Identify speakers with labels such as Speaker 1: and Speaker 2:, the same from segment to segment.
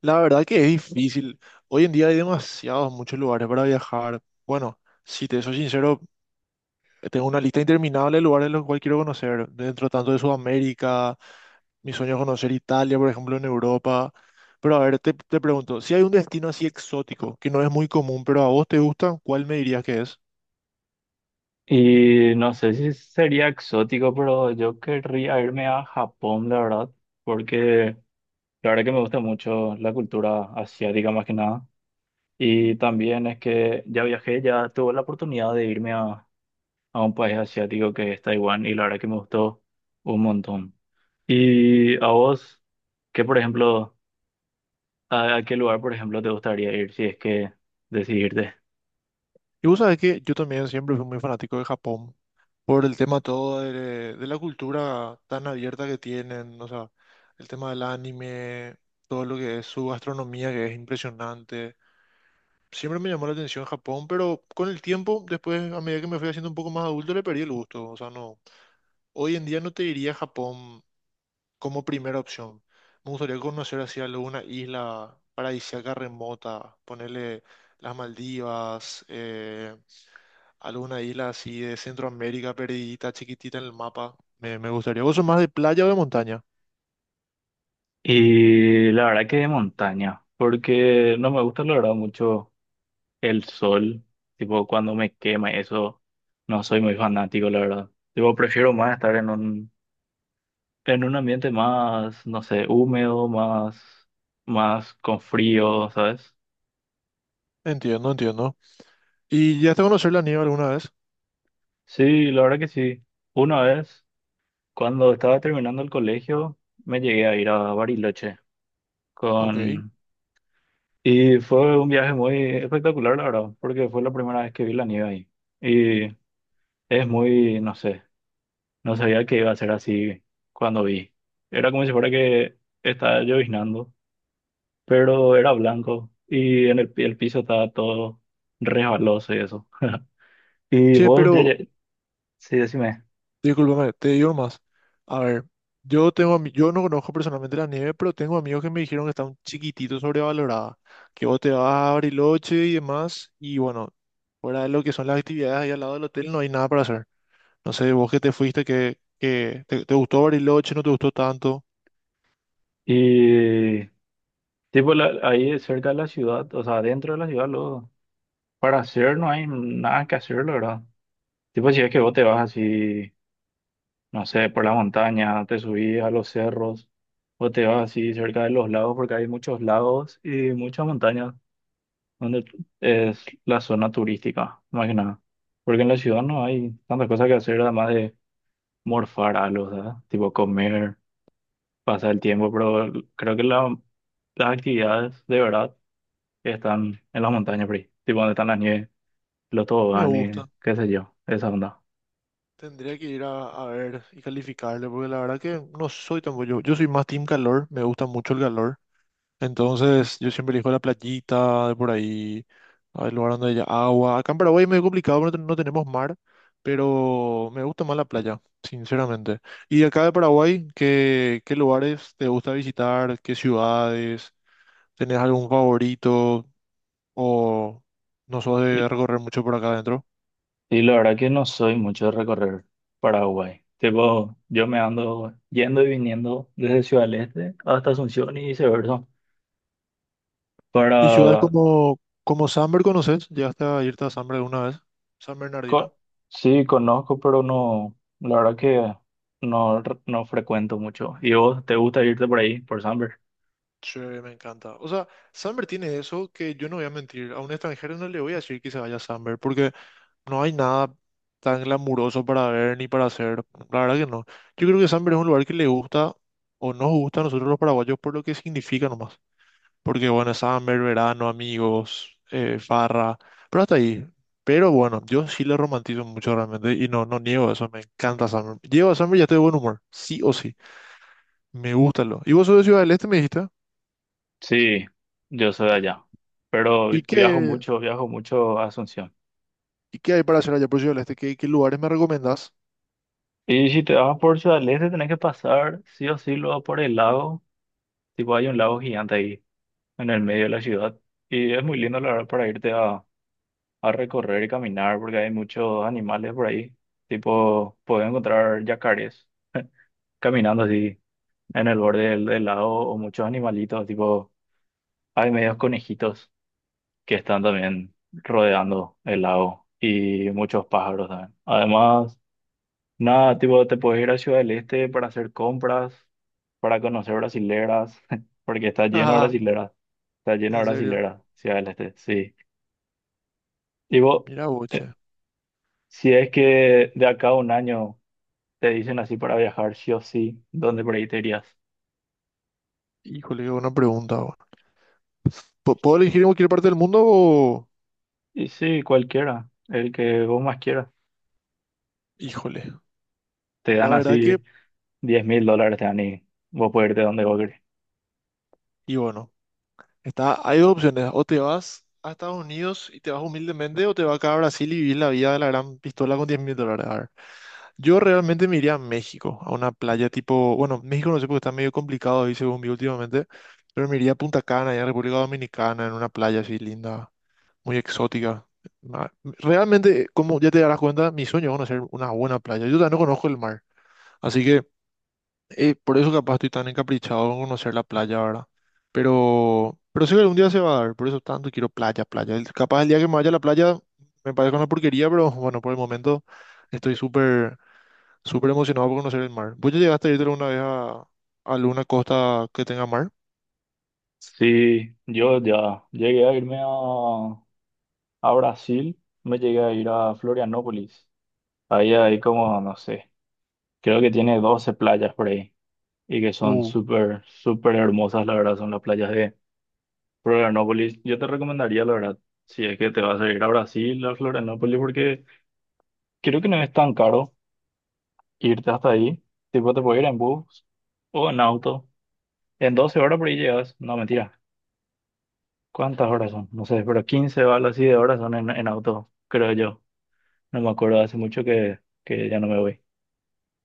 Speaker 1: La verdad que es difícil. Hoy en día hay demasiados, muchos lugares para viajar. Bueno, si te soy sincero, tengo una lista interminable de lugares los cuales quiero conocer. Dentro tanto de Sudamérica, mi sueño es conocer Italia, por ejemplo, en Europa. Pero a ver, te pregunto, si hay un destino así exótico, que no es muy común, pero a vos te gusta, ¿cuál me dirías que es?
Speaker 2: Y no sé si sería exótico, pero yo querría irme a Japón, la verdad, porque la verdad que me gusta mucho la cultura asiática más que nada. Y también es que ya viajé, ya tuve la oportunidad de irme a un país asiático que es Taiwán y la verdad que me gustó un montón. ¿Y a vos, qué por ejemplo, a qué lugar por ejemplo te gustaría ir si es que decidirte?
Speaker 1: Y vos sabés que yo también siempre fui muy fanático de Japón por el tema todo de la cultura tan abierta que tienen, o sea, el tema del anime, todo lo que es su gastronomía que es impresionante. Siempre me llamó la atención Japón, pero con el tiempo, después, a medida que me fui haciendo un poco más adulto, le perdí el gusto. O sea, no, hoy en día no te diría Japón como primera opción. Me gustaría conocer así alguna isla paradisíaca remota, ponerle las Maldivas, alguna isla así de Centroamérica perdidita, chiquitita en el mapa. Me gustaría. ¿Vos sos más de playa o de montaña?
Speaker 2: Y la verdad que de montaña, porque no me gusta, la verdad, mucho el sol, tipo cuando me quema, eso no soy muy fanático, la verdad. Tipo, prefiero más estar en un ambiente más, no sé, húmedo, más, más con frío, ¿sabes?
Speaker 1: Entiendo, entiendo. ¿Y ya te conocer la nieve alguna vez?
Speaker 2: Sí, la verdad que sí. Una vez, cuando estaba terminando el colegio, me llegué a ir a Bariloche
Speaker 1: Ok.
Speaker 2: con... Y fue un viaje muy espectacular, la verdad, porque fue la primera vez que vi la nieve ahí. Y es muy, no sé. No sabía que iba a ser así cuando vi. Era como si fuera que estaba lloviznando, pero era blanco y el piso estaba todo resbaloso y eso. Y
Speaker 1: Che,
Speaker 2: vos,
Speaker 1: pero
Speaker 2: sí, decime.
Speaker 1: discúlpame, te digo más. A ver, yo tengo, yo no conozco personalmente la nieve, pero tengo amigos que me dijeron que está un chiquitito sobrevalorada, que vos te vas a Bariloche y demás, y bueno, fuera de lo que son las actividades ahí al lado del hotel, no hay nada para hacer. No sé, vos que te fuiste, que te gustó Bariloche, no te gustó tanto.
Speaker 2: Y ahí cerca de la ciudad, o sea, dentro de la ciudad, luego, para hacer no hay nada que hacer, la verdad. Tipo si es que vos te vas así, no sé, por la montaña, te subís a los cerros, o te vas así cerca de los lagos, porque hay muchos lagos y muchas montañas donde es la zona turística, más que nada. Porque en la ciudad no hay tantas cosas que hacer, además de morfar algo, ¿sabes? Tipo comer, pasar el tiempo, pero creo que las actividades de verdad están en las montañas, por ahí. Tipo donde están las nieves, los
Speaker 1: Me
Speaker 2: toboganes,
Speaker 1: gusta.
Speaker 2: qué sé yo, esa onda.
Speaker 1: Tendría que ir a ver y calificarle, porque la verdad que no soy tan bueno, yo. Yo soy más team calor, me gusta mucho el calor. Entonces, yo siempre elijo la playita de por ahí. Ah, el lugar donde haya agua. Acá en Paraguay es medio complicado porque no tenemos mar, pero me gusta más la playa, sinceramente. ¿Y acá de Paraguay, qué lugares te gusta visitar? ¿Qué ciudades? ¿Tenés algún favorito? ¿O no sos de
Speaker 2: Y,
Speaker 1: recorrer mucho por acá adentro?
Speaker 2: y la verdad que no soy mucho de recorrer Paraguay. Tipo, yo me ando yendo y viniendo desde Ciudad del Este hasta Asunción y viceversa
Speaker 1: ¿Y ciudades
Speaker 2: para...
Speaker 1: como Samber conoces? ¿Llegaste a irte a Samber alguna vez? San Bernardino.
Speaker 2: Co- sí, conozco, pero no, la verdad que no, no frecuento mucho. ¿Y vos te gusta irte por ahí, por Samber?
Speaker 1: Sí, me encanta. O sea, Samber tiene eso que yo no voy a mentir. A un extranjero no le voy a decir que se vaya a Samber, porque no hay nada tan glamuroso para ver ni para hacer. La verdad que no. Yo creo que Samber es un lugar que le gusta o nos gusta a nosotros los paraguayos por lo que significa nomás. Porque bueno, Samber, verano, amigos, farra, pero hasta ahí. Pero bueno, yo sí le romantizo mucho realmente y no, no niego eso, me encanta Samber. Llego a Samber y ya estoy de buen humor, sí o sí, me gusta lo. Y vos sos de Ciudad del Este, me dijiste,
Speaker 2: Sí, yo soy de allá, pero
Speaker 1: ¿y qué,
Speaker 2: viajo mucho a Asunción.
Speaker 1: y qué hay para hacer allá por Ciudad del Este? ¿Qué lugares me recomendás?
Speaker 2: Y si te vas por Ciudad del Este, tenés que pasar sí o sí luego por el lago, tipo hay un lago gigante ahí en el medio de la ciudad. Y es muy lindo, la verdad, para irte a recorrer y caminar, porque hay muchos animales por ahí, tipo, puedes encontrar yacarés caminando así en el borde del lago, o muchos animalitos, tipo, hay medios conejitos que están también rodeando el lago y muchos pájaros también. Además, nada, tipo, te puedes ir a Ciudad del Este para hacer compras, para conocer brasileras, porque está lleno de
Speaker 1: Ajá,
Speaker 2: brasileras, está lleno de
Speaker 1: en serio.
Speaker 2: brasileras, Ciudad del Este, sí. Tipo,
Speaker 1: Mira,
Speaker 2: eh,
Speaker 1: boche.
Speaker 2: si es que de acá a un año te dicen así para viajar, sí o sí, ¿dónde por ahí te irías?
Speaker 1: Híjole, qué buena pregunta. Puedo elegir en cualquier parte del mundo o...?
Speaker 2: Y sí, cualquiera, el que vos más quieras.
Speaker 1: Híjole,
Speaker 2: Te dan
Speaker 1: la verdad que...
Speaker 2: así $10,000, Dani. Vos podés irte donde vos querés.
Speaker 1: Y bueno, está, hay dos opciones. O te vas a Estados Unidos y te vas humildemente o te vas acá a Brasil y vivir la vida de la gran pistola con $10.000. A ver, yo realmente me iría a México, a una playa tipo... Bueno, México no sé porque está medio complicado ahí según vi últimamente, pero me iría a Punta Cana, allá en República Dominicana, en una playa así linda, muy exótica. Realmente, como ya te darás cuenta, mi sueño es conocer una buena playa. Yo todavía no conozco el mar, así que... por eso capaz estoy tan encaprichado con conocer la playa, ¿verdad? Pero sé que algún día se va a dar, por eso tanto quiero playa, playa. Capaz el día que me vaya a la playa me parezca una porquería, pero bueno, por el momento estoy súper, súper emocionado por conocer el mar. ¿Vos ya llegaste a irte alguna vez a alguna costa que tenga mar?
Speaker 2: Sí, yo ya llegué a irme a Brasil, me llegué a ir a Florianópolis. Ahí hay como, no sé, creo que tiene 12 playas por ahí y que son
Speaker 1: Uh,
Speaker 2: súper, súper hermosas, la verdad, son las playas de Florianópolis. Yo te recomendaría, la verdad, si es que te vas a ir a Brasil, a Florianópolis, porque creo que no es tan caro irte hasta ahí. Tipo, te puedes ir en bus o en auto. En 12 horas por ahí llegas. No, mentira. ¿Cuántas horas son? No sé, pero 15 o algo así de horas son en auto, creo yo. No me acuerdo, hace mucho que ya no me voy.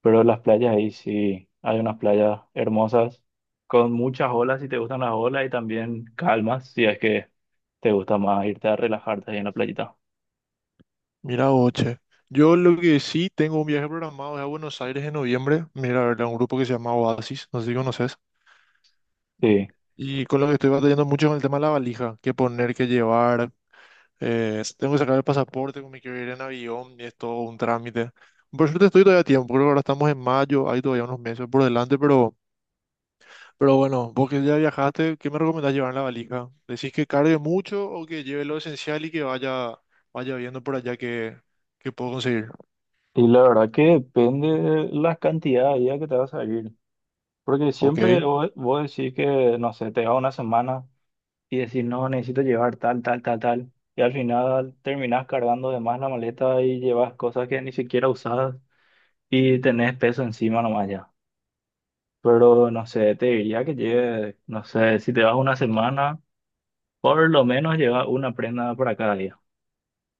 Speaker 2: Pero las playas ahí sí, hay unas playas hermosas, con muchas olas si te gustan las olas y también calmas si es que te gusta más irte a relajarte ahí en la playita.
Speaker 1: mira, oche. Yo lo que sí tengo un viaje programado es a Buenos Aires en noviembre. Mira, a ver, a un grupo que se llama Oasis, no sé si conoces.
Speaker 2: Sí,
Speaker 1: Y con lo que estoy batallando mucho es con el tema de la valija, qué poner, qué llevar. Tengo que sacar el pasaporte, me quiero ir en avión y es todo un trámite. Por suerte estoy todavía a tiempo, creo que ahora estamos en mayo, hay todavía unos meses por delante, pero bueno, vos que ya viajaste, ¿qué me recomendás llevar en la valija? ¿Decís que cargue mucho o que lleve lo esencial y que vaya viendo por allá que puedo conseguir?
Speaker 2: y la verdad que depende de la cantidad de días que te vas a ir. Porque
Speaker 1: Ok,
Speaker 2: siempre vos decís que, no sé, te vas una semana. Y decir, no, necesito llevar tal, tal, tal, tal. Y al final terminás cargando de más la maleta y llevas cosas que ni siquiera usabas y tenés peso encima nomás ya. Pero no sé, te diría que lleves, no sé, si te vas una semana, por lo menos lleva una prenda para cada día.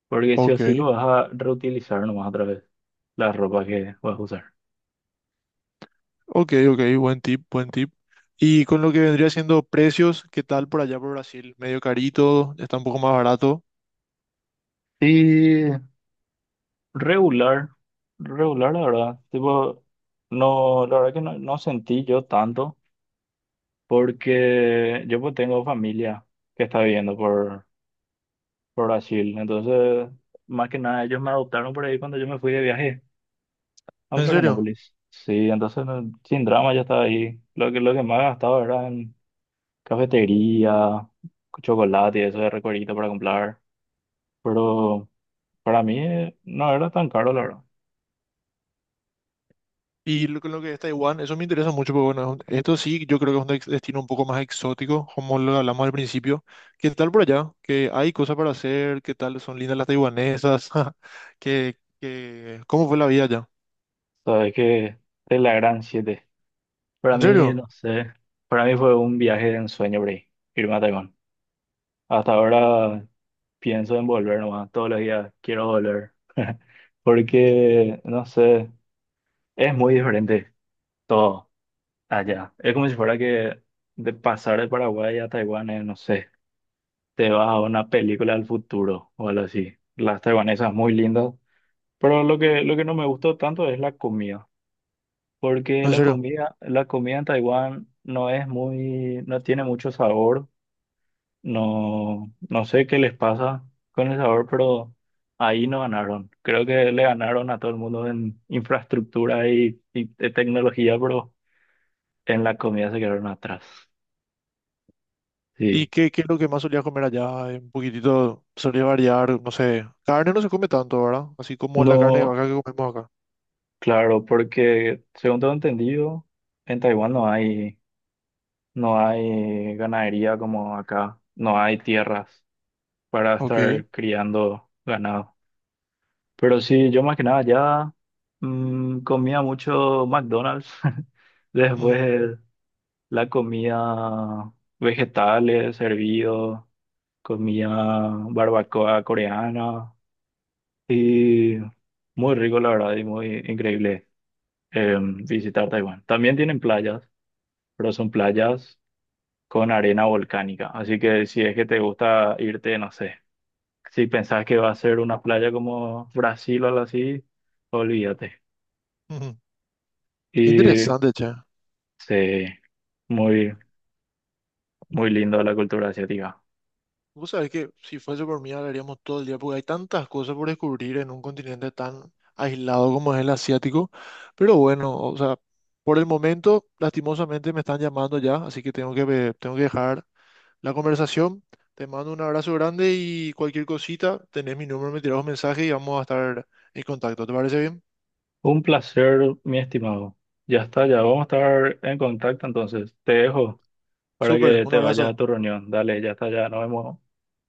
Speaker 2: Porque sí o
Speaker 1: ok,
Speaker 2: sí que vas a reutilizar nomás otra vez la ropa que vas a usar.
Speaker 1: ok, buen tip, buen tip. Y con lo que vendría siendo precios, ¿qué tal por allá por Brasil? ¿Medio carito? ¿Está un poco más barato?
Speaker 2: Y regular, regular la verdad, tipo, no, la verdad que no, no sentí yo tanto. Porque yo pues tengo familia que está viviendo por Brasil, entonces más que nada ellos me adoptaron por ahí cuando yo me fui de viaje a
Speaker 1: ¿En serio?
Speaker 2: Florianópolis. Sí, entonces no, sin drama ya estaba ahí. Lo que más gastaba era en cafetería, chocolate y eso de recorrido para comprar. Pero para mí, no era tan caro, la verdad.
Speaker 1: Y lo, con lo que es Taiwán, eso me interesa mucho, porque bueno, esto sí, yo creo que es un destino un poco más exótico, como lo hablamos al principio. ¿Qué tal por allá? ¿Qué hay cosas para hacer? ¿Qué tal son lindas las taiwanesas? Cómo fue la vida allá?
Speaker 2: Sabes que de la gran siete. Para
Speaker 1: ¿En
Speaker 2: mí,
Speaker 1: serio?
Speaker 2: no sé, para mí fue un viaje de ensueño por ahí, irme a Taiwán. Hasta ahora pienso en volver nomás, todos los días quiero volver,
Speaker 1: Ujú.
Speaker 2: porque, no sé, es muy diferente todo allá. Es como si fuera que de pasar de Paraguay a Taiwán, es, no sé, te vas a una película del futuro o algo así. Las taiwanesas muy lindas, pero lo que no me gustó tanto es la comida, porque
Speaker 1: ¿En
Speaker 2: la
Speaker 1: serio?
Speaker 2: comida, la comida en Taiwán no es muy, no tiene mucho sabor. No, no sé qué les pasa con el sabor, pero ahí no ganaron. Creo que le ganaron a todo el mundo en infraestructura y tecnología, pero en la comida se quedaron atrás.
Speaker 1: ¿Y
Speaker 2: Sí.
Speaker 1: qué, qué es lo que más solía comer allá? Un poquitito solía variar, no sé. Carne no se come tanto, ¿verdad? Así como la carne de
Speaker 2: No,
Speaker 1: vaca que comemos acá.
Speaker 2: claro, porque según tengo entendido, en Taiwán no hay, no hay ganadería como acá. No hay tierras para
Speaker 1: Ok.
Speaker 2: estar criando ganado. Pero sí, yo más que nada ya comía mucho McDonald's.
Speaker 1: Ujú,
Speaker 2: Después la comida, vegetales, servido, comía barbacoa coreana y muy rico la verdad y muy increíble, visitar Taiwán. También tienen playas, pero son playas con arena volcánica. Así que si es que te gusta irte, no sé, si pensás que va a ser una playa como Brasil o algo así, olvídate.
Speaker 1: ujú. Qué
Speaker 2: Y
Speaker 1: interesante, che.
Speaker 2: sí, muy, muy lindo la cultura asiática.
Speaker 1: Vos sabés que si fuese por mí hablaríamos todo el día, porque hay tantas cosas por descubrir en un continente tan aislado como es el asiático. Pero bueno, o sea, por el momento, lastimosamente me están llamando ya, así que tengo que, tengo que dejar la conversación. Te mando un abrazo grande y cualquier cosita, tenés mi número, me tirás un mensaje y vamos a estar en contacto. ¿Te parece bien?
Speaker 2: Un placer, mi estimado. Ya está, ya vamos a estar en contacto entonces. Te dejo para
Speaker 1: Súper,
Speaker 2: que
Speaker 1: un
Speaker 2: te vayas
Speaker 1: abrazo.
Speaker 2: a tu reunión. Dale, ya está, ya nos vemos.